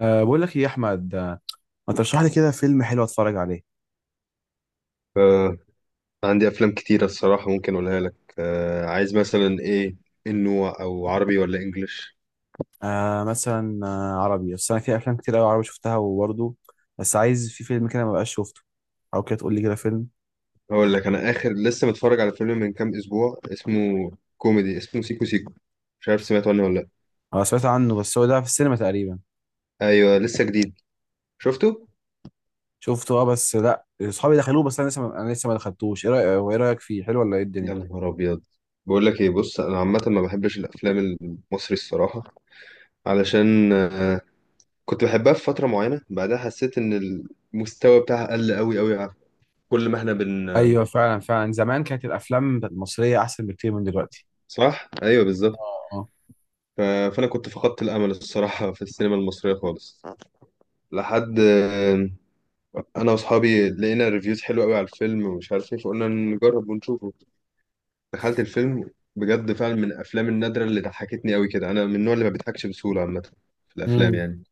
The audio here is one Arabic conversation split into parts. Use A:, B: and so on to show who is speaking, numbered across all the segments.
A: بقول لك ايه يا احمد ما ترشح لي كده فيلم حلو اتفرج عليه.
B: آه، عندي أفلام كتيرة الصراحة ممكن أقولها لك. آه، عايز مثلا إيه؟ إنه أو عربي ولا إنجليش؟
A: مثلا عربي، بس انا في افلام كتير قوي عربي شفتها وبرضه بس عايز في فيلم كده ما بقاش شفته او كده تقول لي كده فيلم.
B: هقول لك. أنا آخر لسه متفرج على فيلم من كام أسبوع، اسمه كوميدي، اسمه سيكو سيكو. مش عارف سمعت عنه ولا لأ.
A: انا سمعت عنه، بس هو ده في السينما تقريبا.
B: أيوه لسه جديد. شفته؟
A: شفته، اه، بس لا اصحابي دخلوه، بس انا لسه ما انا لسه ما دخلتوش. ايه رايك؟ وايه رايك فيه حلو ولا ايه الدنيا؟
B: يا نهار أبيض! بقول لك إيه، بص، أنا عامة ما بحبش الأفلام المصري الصراحة، علشان كنت بحبها في فترة معينة، بعدها حسيت إن المستوى بتاعها قل أوي أوي، عارف، كل ما إحنا
A: ايوه، فعلا فعلا، زمان كانت الافلام المصريه احسن بكتير من دلوقتي.
B: صح؟ أيوه
A: اه.
B: بالظبط.
A: آه.
B: ف- فانا كنت فقدت الامل الصراحه في السينما المصريه خالص لحد انا واصحابي لقينا ريفيوز حلوه قوي على الفيلم ومش عارف ايه، فقلنا نجرب ونشوفه. دخلت الفيلم، بجد فعلا من الافلام النادره اللي ضحكتني قوي كده، انا من النوع اللي ما بيضحكش بسهوله عامه في الافلام
A: امم،
B: يعني.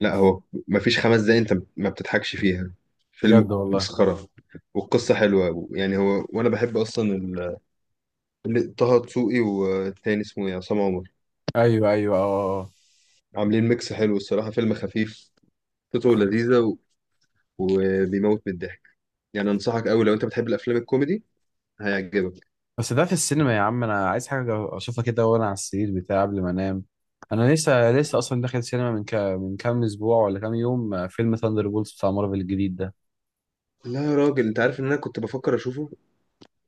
B: لا هو ما فيش خمس دقايق انت ما بتضحكش فيها، فيلم
A: بجد والله.
B: مسخره، والقصه حلوه يعني، هو وانا بحب اصلا طه دسوقي والتاني اسمه ايه عصام عمر،
A: ايوه ايوه، اه، آه، آه.
B: عاملين ميكس حلو الصراحه، فيلم خفيف قصته لذيذه وبيموت من الضحك، يعني انصحك قوي لو انت بتحب الافلام الكوميدي هيعجبك.
A: بس ده في السينما يا عم، انا عايز حاجه اشوفها كده وانا على السرير بتاعي قبل ما انام. انا لسه لسه اصلا داخل سينما من من كام اسبوع ولا كام يوم، فيلم ثاندر بولز بتاع مارفل الجديد ده.
B: لا يا راجل، انت عارف ان انا كنت بفكر اشوفه.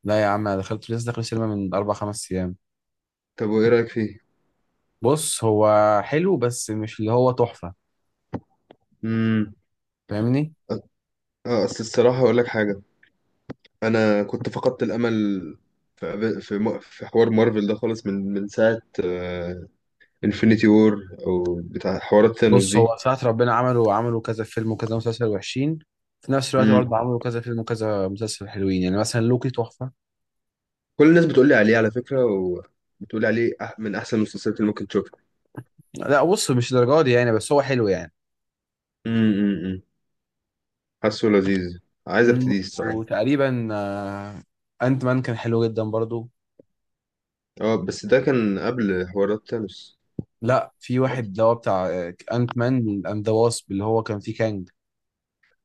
A: لا يا عم، انا دخلت لسه داخل سينما من اربع خمس ايام.
B: طب وايه رايك فيه؟
A: بص هو حلو، بس مش اللي هو تحفه.
B: امم
A: فاهمني؟
B: اه، اصل الصراحه اقول لك حاجه، انا كنت فقدت الامل في حوار مارفل ده خالص من ساعه انفينيتي وور او بتاع حوارات ثانوس
A: بص
B: دي.
A: هو ساعة ربنا عملوا عملوا كذا فيلم وكذا مسلسل وحشين، في نفس الوقت
B: امم
A: برضه عملوا كذا فيلم وكذا مسلسل حلوين. يعني مثلا لوكي تحفه.
B: كل الناس بتقول لي عليه على فكره، وبتقول لي عليه من احسن المسلسلات اللي ممكن تشوفها.
A: لا بص، مش الدرجه دي يعني، بس هو حلو يعني.
B: امم، امم، أمم. حاسه لذيذ، عايز
A: مم.
B: ابتديه الصراحه.
A: وتقريبا انت مان كان حلو جدا برضو.
B: اه بس ده كان قبل حوارات تانوس.
A: لا، في واحد اللي هو بتاع انت مان اند ذا واسب اللي هو كان فيه كانج.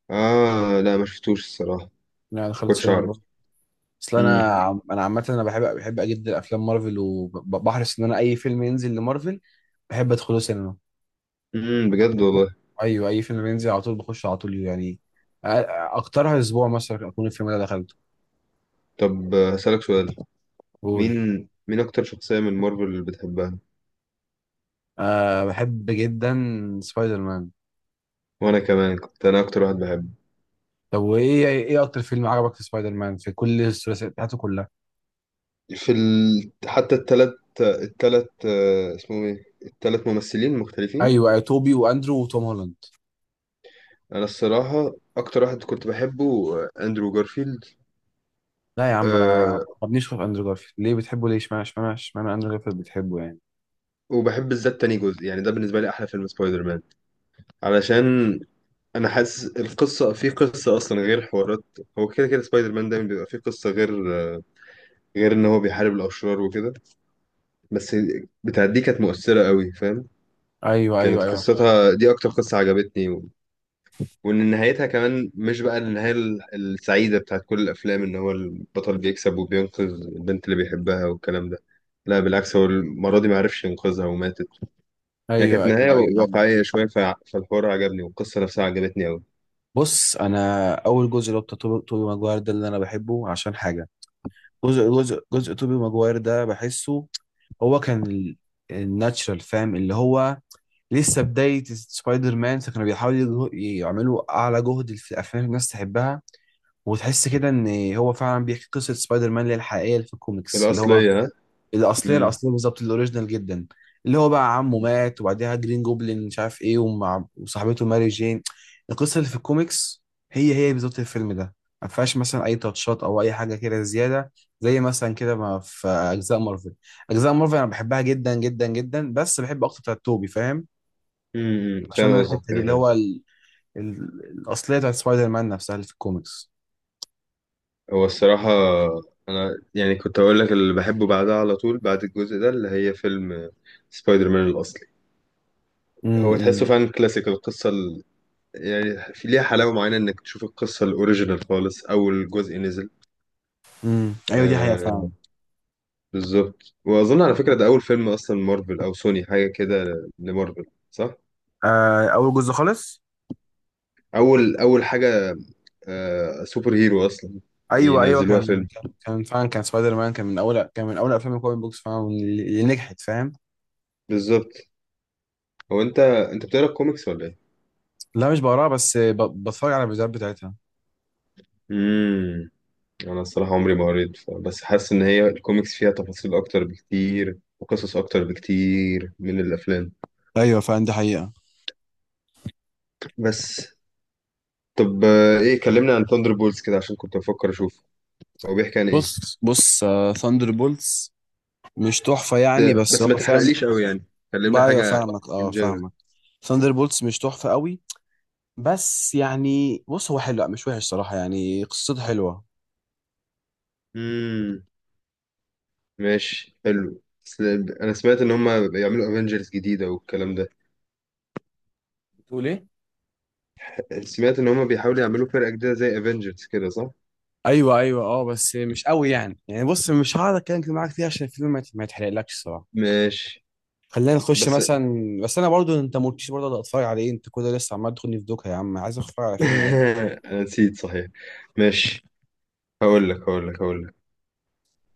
B: اه لا ما شفتوش الصراحة،
A: يعني
B: ما
A: دخلت
B: كنتش
A: السينما
B: اعرف.
A: برضو. اصل
B: امم،
A: انا انا عامه انا بحب بحب جدا افلام مارفل، وبحرص ان انا اي فيلم ينزل لمارفل بحب ادخله سينما.
B: امم. بجد والله.
A: ايوه، اي فيلم ينزل على طول بخش على طول يعني. أ- اكترها اسبوع مثلا اكون الفيلم ده دخلته.
B: طب هسألك سؤال.
A: قول.
B: مين اكتر شخصية من مارفل اللي بتحبها؟
A: أه، بحب جدا سبايدر مان.
B: وانا كمان كنت انا اكتر واحد بحبه.
A: طب وايه ايه اكتر فيلم عجبك في سبايدر مان في كل الثلاثيات بتاعته كلها؟
B: حتى التلات اسمهم ايه التلات ممثلين مختلفين.
A: ايوه، أيوة، توبي واندرو وتوم هولاند.
B: انا الصراحة اكتر واحد كنت بحبه اندرو جارفيلد.
A: لا يا عم، انا
B: أه.
A: ما بنيش في اندرو جارفيلد. ليه بتحبه؟ ليه اشمعنى اشمعنى اندرو جارفيلد بتحبه يعني؟
B: وبحب بالذات تاني جزء، يعني ده بالنسبة لي احلى فيلم سبايدر مان، علشان انا حاسس القصه، في قصه اصلا غير حوارات. هو كده كده سبايدر مان دايما بيبقى في قصه، غير غير ان هو بيحارب الاشرار وكده. بس بتاعت دي كانت مؤثره قوي، فاهم؟
A: ايوه ايوه
B: كانت
A: ايوه.
B: قصتها دي اكتر قصه عجبتني وان نهايتها كمان مش بقى النهايه السعيده بتاعت كل الافلام ان هو البطل بيكسب وبينقذ البنت اللي بيحبها والكلام ده. لا بالعكس، هو المره دي ما عرفش ينقذها وماتت، هي
A: ايوه
B: كانت
A: ايوه
B: نهايه
A: ايوه.
B: واقعيه شويه، فالحوار عجبني والقصه نفسها عجبتني قوي.
A: بص، انا اول جزء اللي هو بتاع توبي توبي ماجواير ده اللي انا بحبه عشان حاجه. جزء توبي ماجواير ده بحسه هو كان الناتشرال، فاهم؟ اللي هو لسه بدايه سبايدر مان، فكانوا بيحاولوا يعملوا اعلى جهد في الافلام الناس تحبها وتحس كده ان هو فعلا بيحكي قصه سبايدر مان اللي هي الحقيقيه اللي في الكوميكس، اللي هو
B: الاصليه. ها.
A: الاصليه. الاصليه بالظبط، الاوريجينال جدا. اللي هو بقى عمه مات وبعديها جرين جوبلين مش عارف ايه ومع وصاحبته ماري جين. القصه اللي في الكوميكس هي هي بالظبط الفيلم ده. ما فيهاش مثلا اي تاتشات او اي حاجه كده زياده، زي مثلا كده ما في اجزاء مارفل. اجزاء مارفل انا بحبها جدا جدا جدا، بس بحب اكتر بتاعت توبي، فاهم؟
B: امم،
A: عشان
B: فاهم
A: أنا
B: قصدك
A: الحته دي
B: كده
A: اللي
B: كده.
A: هو ال... الاصليه بتاعت سبايدر مان نفسها اللي في الكوميكس.
B: هو الصراحة أنا يعني كنت أقول لك اللي بحبه بعدها على طول بعد الجزء ده، اللي هي فيلم سبايدر مان الأصلي. هو تحسه
A: امم
B: فعلا كلاسيك، القصة يعني في ليها حلاوة معينة إنك تشوف القصة الأوريجينال خالص، أول جزء نزل.
A: امم، ايوه دي حقيقه فعلا.
B: آه بالظبط. وأظن على فكرة ده أول فيلم أصلا مارفل أو سوني حاجة كده، لمارفل، صح؟
A: آه اول جزء خالص.
B: أول أول حاجة، آه سوبر هيرو أصلا.
A: ايوه ايوه،
B: ينزلوها
A: كان
B: فيلم،
A: كان كان فعلا كان سبايدر مان كان من اول، كان من اول افلام الكوميك بوكس فعلا اللي اللي نجحت، فاهم؟
B: بالظبط. هو أنت بتقرا كوميكس ولا إيه؟
A: لا مش بقراها، بس بتفرج على الفيديوهات بتاعتها.
B: امم انا الصراحه عمري ما قريت بس حاسس ان هي الكوميكس فيها تفاصيل اكتر بكتير وقصص اكتر بكتير من الافلام.
A: ايوه فعلا، دي حقيقة.
B: بس. طب ايه، كلمنا عن ثاندر بولز كده عشان كنت بفكر اشوف، هو بيحكي عن ايه؟
A: بص. ثاندر بولتس مش تحفة يعني،
B: بس
A: بس هو
B: بس ما
A: فاهم.
B: تحرقليش قوي يعني، كلمنا
A: بقى ايوه
B: حاجه
A: فاهمك،
B: ان
A: اه
B: جنرال.
A: فاهمك. ثاندر بولتس مش تحفة قوي، بس يعني بص هو حلو، لا مش وحش صراحة يعني، قصته حلوة.
B: امم ماشي حلو. بس انا سمعت ان هم بيعملوا افنجرز جديده والكلام ده،
A: بتقول ايه؟
B: سمعت ان هم بيحاولوا يعملوا فرقه جديده زي افنجرز كده صح.
A: ايوه ايوه، اه، بس مش قوي يعني. يعني بص، مش هقعد اتكلم كتير معاك فيها عشان الفيلم ما يتحرقلكش الصراحة.
B: ماشي
A: خلينا نخش
B: بس
A: مثلا. بس انا برضو انت ما قلتليش برضو أقدر اتفرج على ايه. انت كده لسه عمال تاخدني في دوكا يا عم، عايز اتفرج على فيلم عادي.
B: انا نسيت صحيح، ماشي. هقول لك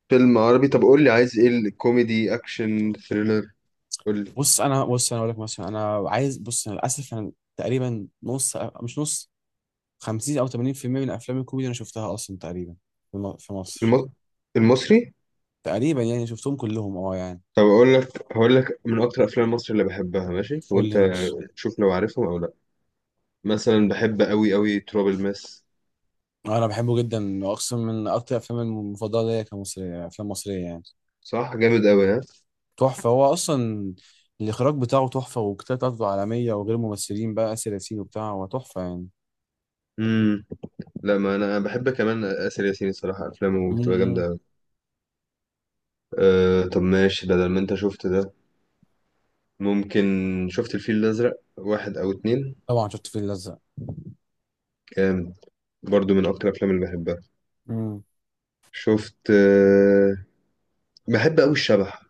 B: فيلم عربي. طب قول لي عايز ايه، الكوميدي اكشن ثريلر؟ قول لي.
A: بص انا، بص انا اقول لك مثلا، انا عايز، بص انا للاسف انا تقريبا نص، مش نص، 50 او 80% من افلام الكوميدي انا شفتها اصلا تقريبا في في مصر.
B: الم... المصري.
A: تقريبا يعني شفتهم كلهم اه يعني.
B: طب اقول لك هقول لك من اكتر افلام مصر اللي بحبها، ماشي،
A: قول
B: وانت
A: لي ماشي.
B: شوف لو عارفهم او لا. مثلا بحب قوي قوي تراب الماس.
A: انا بحبه جدا واقسم، من اكتر افلام المفضله ليا كمصريه، افلام مصريه يعني.
B: صح جامد قوي، ها.
A: تحفه هو اصلا. الاخراج بتاعه تحفه، والكتابه بتاعته عالميه، وغير ممثلين بقى اسر ياسين وبتاع، هو تحفه يعني.
B: امم. لا ما انا بحب كمان اسر ياسين الصراحه، افلامه بتبقى
A: امم.
B: جامده قوي. أه طب ماشي، بدل ما انت شفت ده ممكن شفت الفيل الازرق واحد او اتنين؟
A: طبعا شفت الفيل الازرق.
B: جامد، برضو من اكتر الافلام اللي بحبها.
A: امم.
B: شفت بحب أوي الشبح.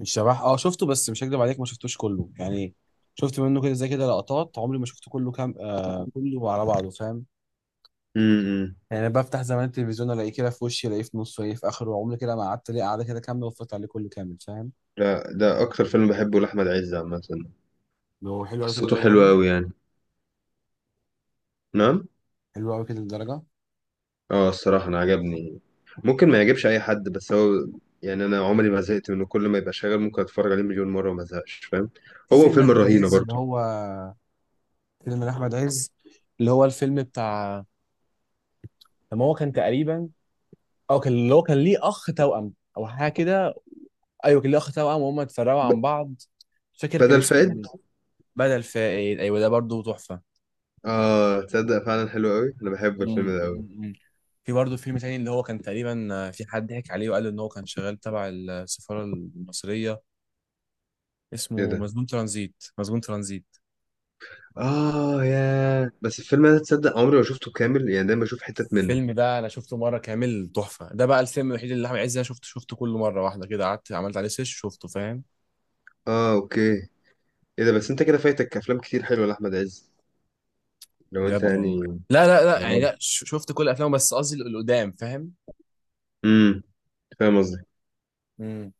A: الشبح اه شفته، بس مش هكدب عليك ما شفتوش كله يعني. شفت منه كده زي كده لقطات، عمري ما شفته كله كام كله على بعضه، فاهم؟
B: امم.
A: يعني بفتح زمان التلفزيون الاقيه كده في وشي، الاقيه في نصه، الاقيه في اخره، عمري كده ما قعدت ليه قعده كده كامله واتفرجت عليه كله كامل، فاهم؟
B: لا ده أكتر فيلم بحبه لأحمد عز عامة،
A: هو حلو قوي كده
B: قصته
A: الدرجه
B: حلوة
A: دي؟
B: أوي يعني. نعم.
A: حلو قوي كده الدرجه.
B: اه الصراحة أنا عجبني، ممكن ما يعجبش أي حد بس هو يعني أنا عمري ما زهقت منه، كل ما يبقى شغال ممكن أتفرج عليه مليون مرة وما أزهقش فاهم.
A: في
B: هو
A: فيلم
B: وفيلم
A: احمد
B: الرهينة
A: عز اللي
B: برضه.
A: هو، فيلم احمد عز اللي هو الفيلم بتاع لما هو كان تقريبا، او كان اللي هو كان ليه اخ توأم او حاجه كده. ايوه كان ليه اخ توأم وهم اتفرقوا
B: ب...
A: عن بعض. مش فاكر كان
B: بدل
A: اسمه
B: فائد.
A: ايه. بدل فائد، ايوه، ده برضه تحفه.
B: اه تصدق فعلا حلو أوي، أنا بحب الفيلم
A: مم،
B: ده أوي.
A: مم، مم. في برضه فيلم تاني اللي هو كان تقريبا في حد ضحك عليه وقال ان هو كان شغال تبع السفاره المصريه،
B: إيه
A: اسمه
B: ده؟
A: مسجون ترانزيت. مسجون ترانزيت
B: اه يا بس الفيلم ده تصدق عمري ما شفته كامل يعني، دايما بشوف حتت منه.
A: الفيلم ده انا شفته مره كامل، تحفه. ده بقى الفيلم الوحيد اللي احمد عز انا شفته شفته كل مره واحده كده، قعدت عملت عليه سيرش شفته، فاهم؟
B: اه اوكي. ايه ده بس انت كده فايتك افلام كتير حلوه لاحمد عز، لو انت
A: بجد
B: يعني.
A: والله، لا لا لا، يعني
B: اه.
A: لا شفت كل افلامه بس قصدي القدام، فاهم؟
B: امم. فاهم قصدي.
A: امم.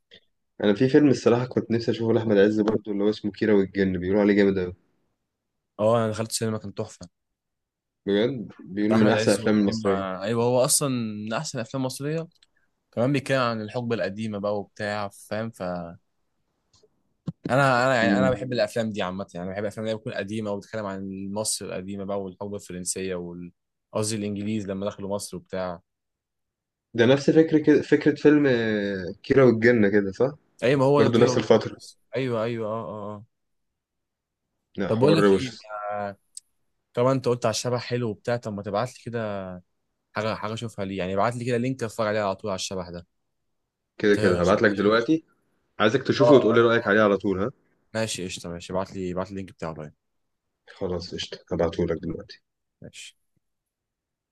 B: انا في فيلم الصراحه كنت نفسي اشوفه لاحمد عز برضه اللي هو اسمه كيرة والجن، بيقولوا عليه جامد قوي،
A: اه انا دخلت السينما كان تحفه،
B: بجد
A: بتاع
B: بيقولوا من
A: احمد
B: احسن
A: عز
B: الافلام
A: وكريم.
B: المصريه.
A: ايوه هو اصلا من احسن افلام مصريه، كمان بيتكلم عن الحقبه القديمه بقى وبتاع، فاهم؟ ف انا انا يعني انا
B: مم.
A: بحب الافلام دي عامه، يعني بحب الافلام اللي هي بتكون قديمه وبتتكلم عن مصر القديمه بقى والحقبه الفرنسيه وال، قصدي الانجليز لما دخلوا مصر وبتاع.
B: ده نفس فكره كده، فكره فيلم كيرة والجن كده صح.
A: ايوه ما هو ده
B: برضه نفس
A: كده.
B: الفتره.
A: ايوه ايوه، اه اه، آه.
B: لا
A: طب بقول
B: حوار
A: لك
B: روش.
A: ايه. آه، طبعا انت قلت على الشبح حلو وبتاع، طب ما تبعت لي كده حاجه حاجه اشوفها ليه يعني. ابعت لي كده لينك اتفرج عليه على طول، على الشبح ده.
B: كده
A: أنت
B: كده هبعت لك
A: شوقتني.
B: دلوقتي. عايزك
A: اه،
B: تشوفه وتقول لي
A: آه.
B: رايك عليه على طول، ها.
A: ماشي، قشطه. ماشي ابعت لي، ابعت لي اللينك بتاعه.
B: خلاص قشطه، هبعته لك دلوقتي.
A: ماشي.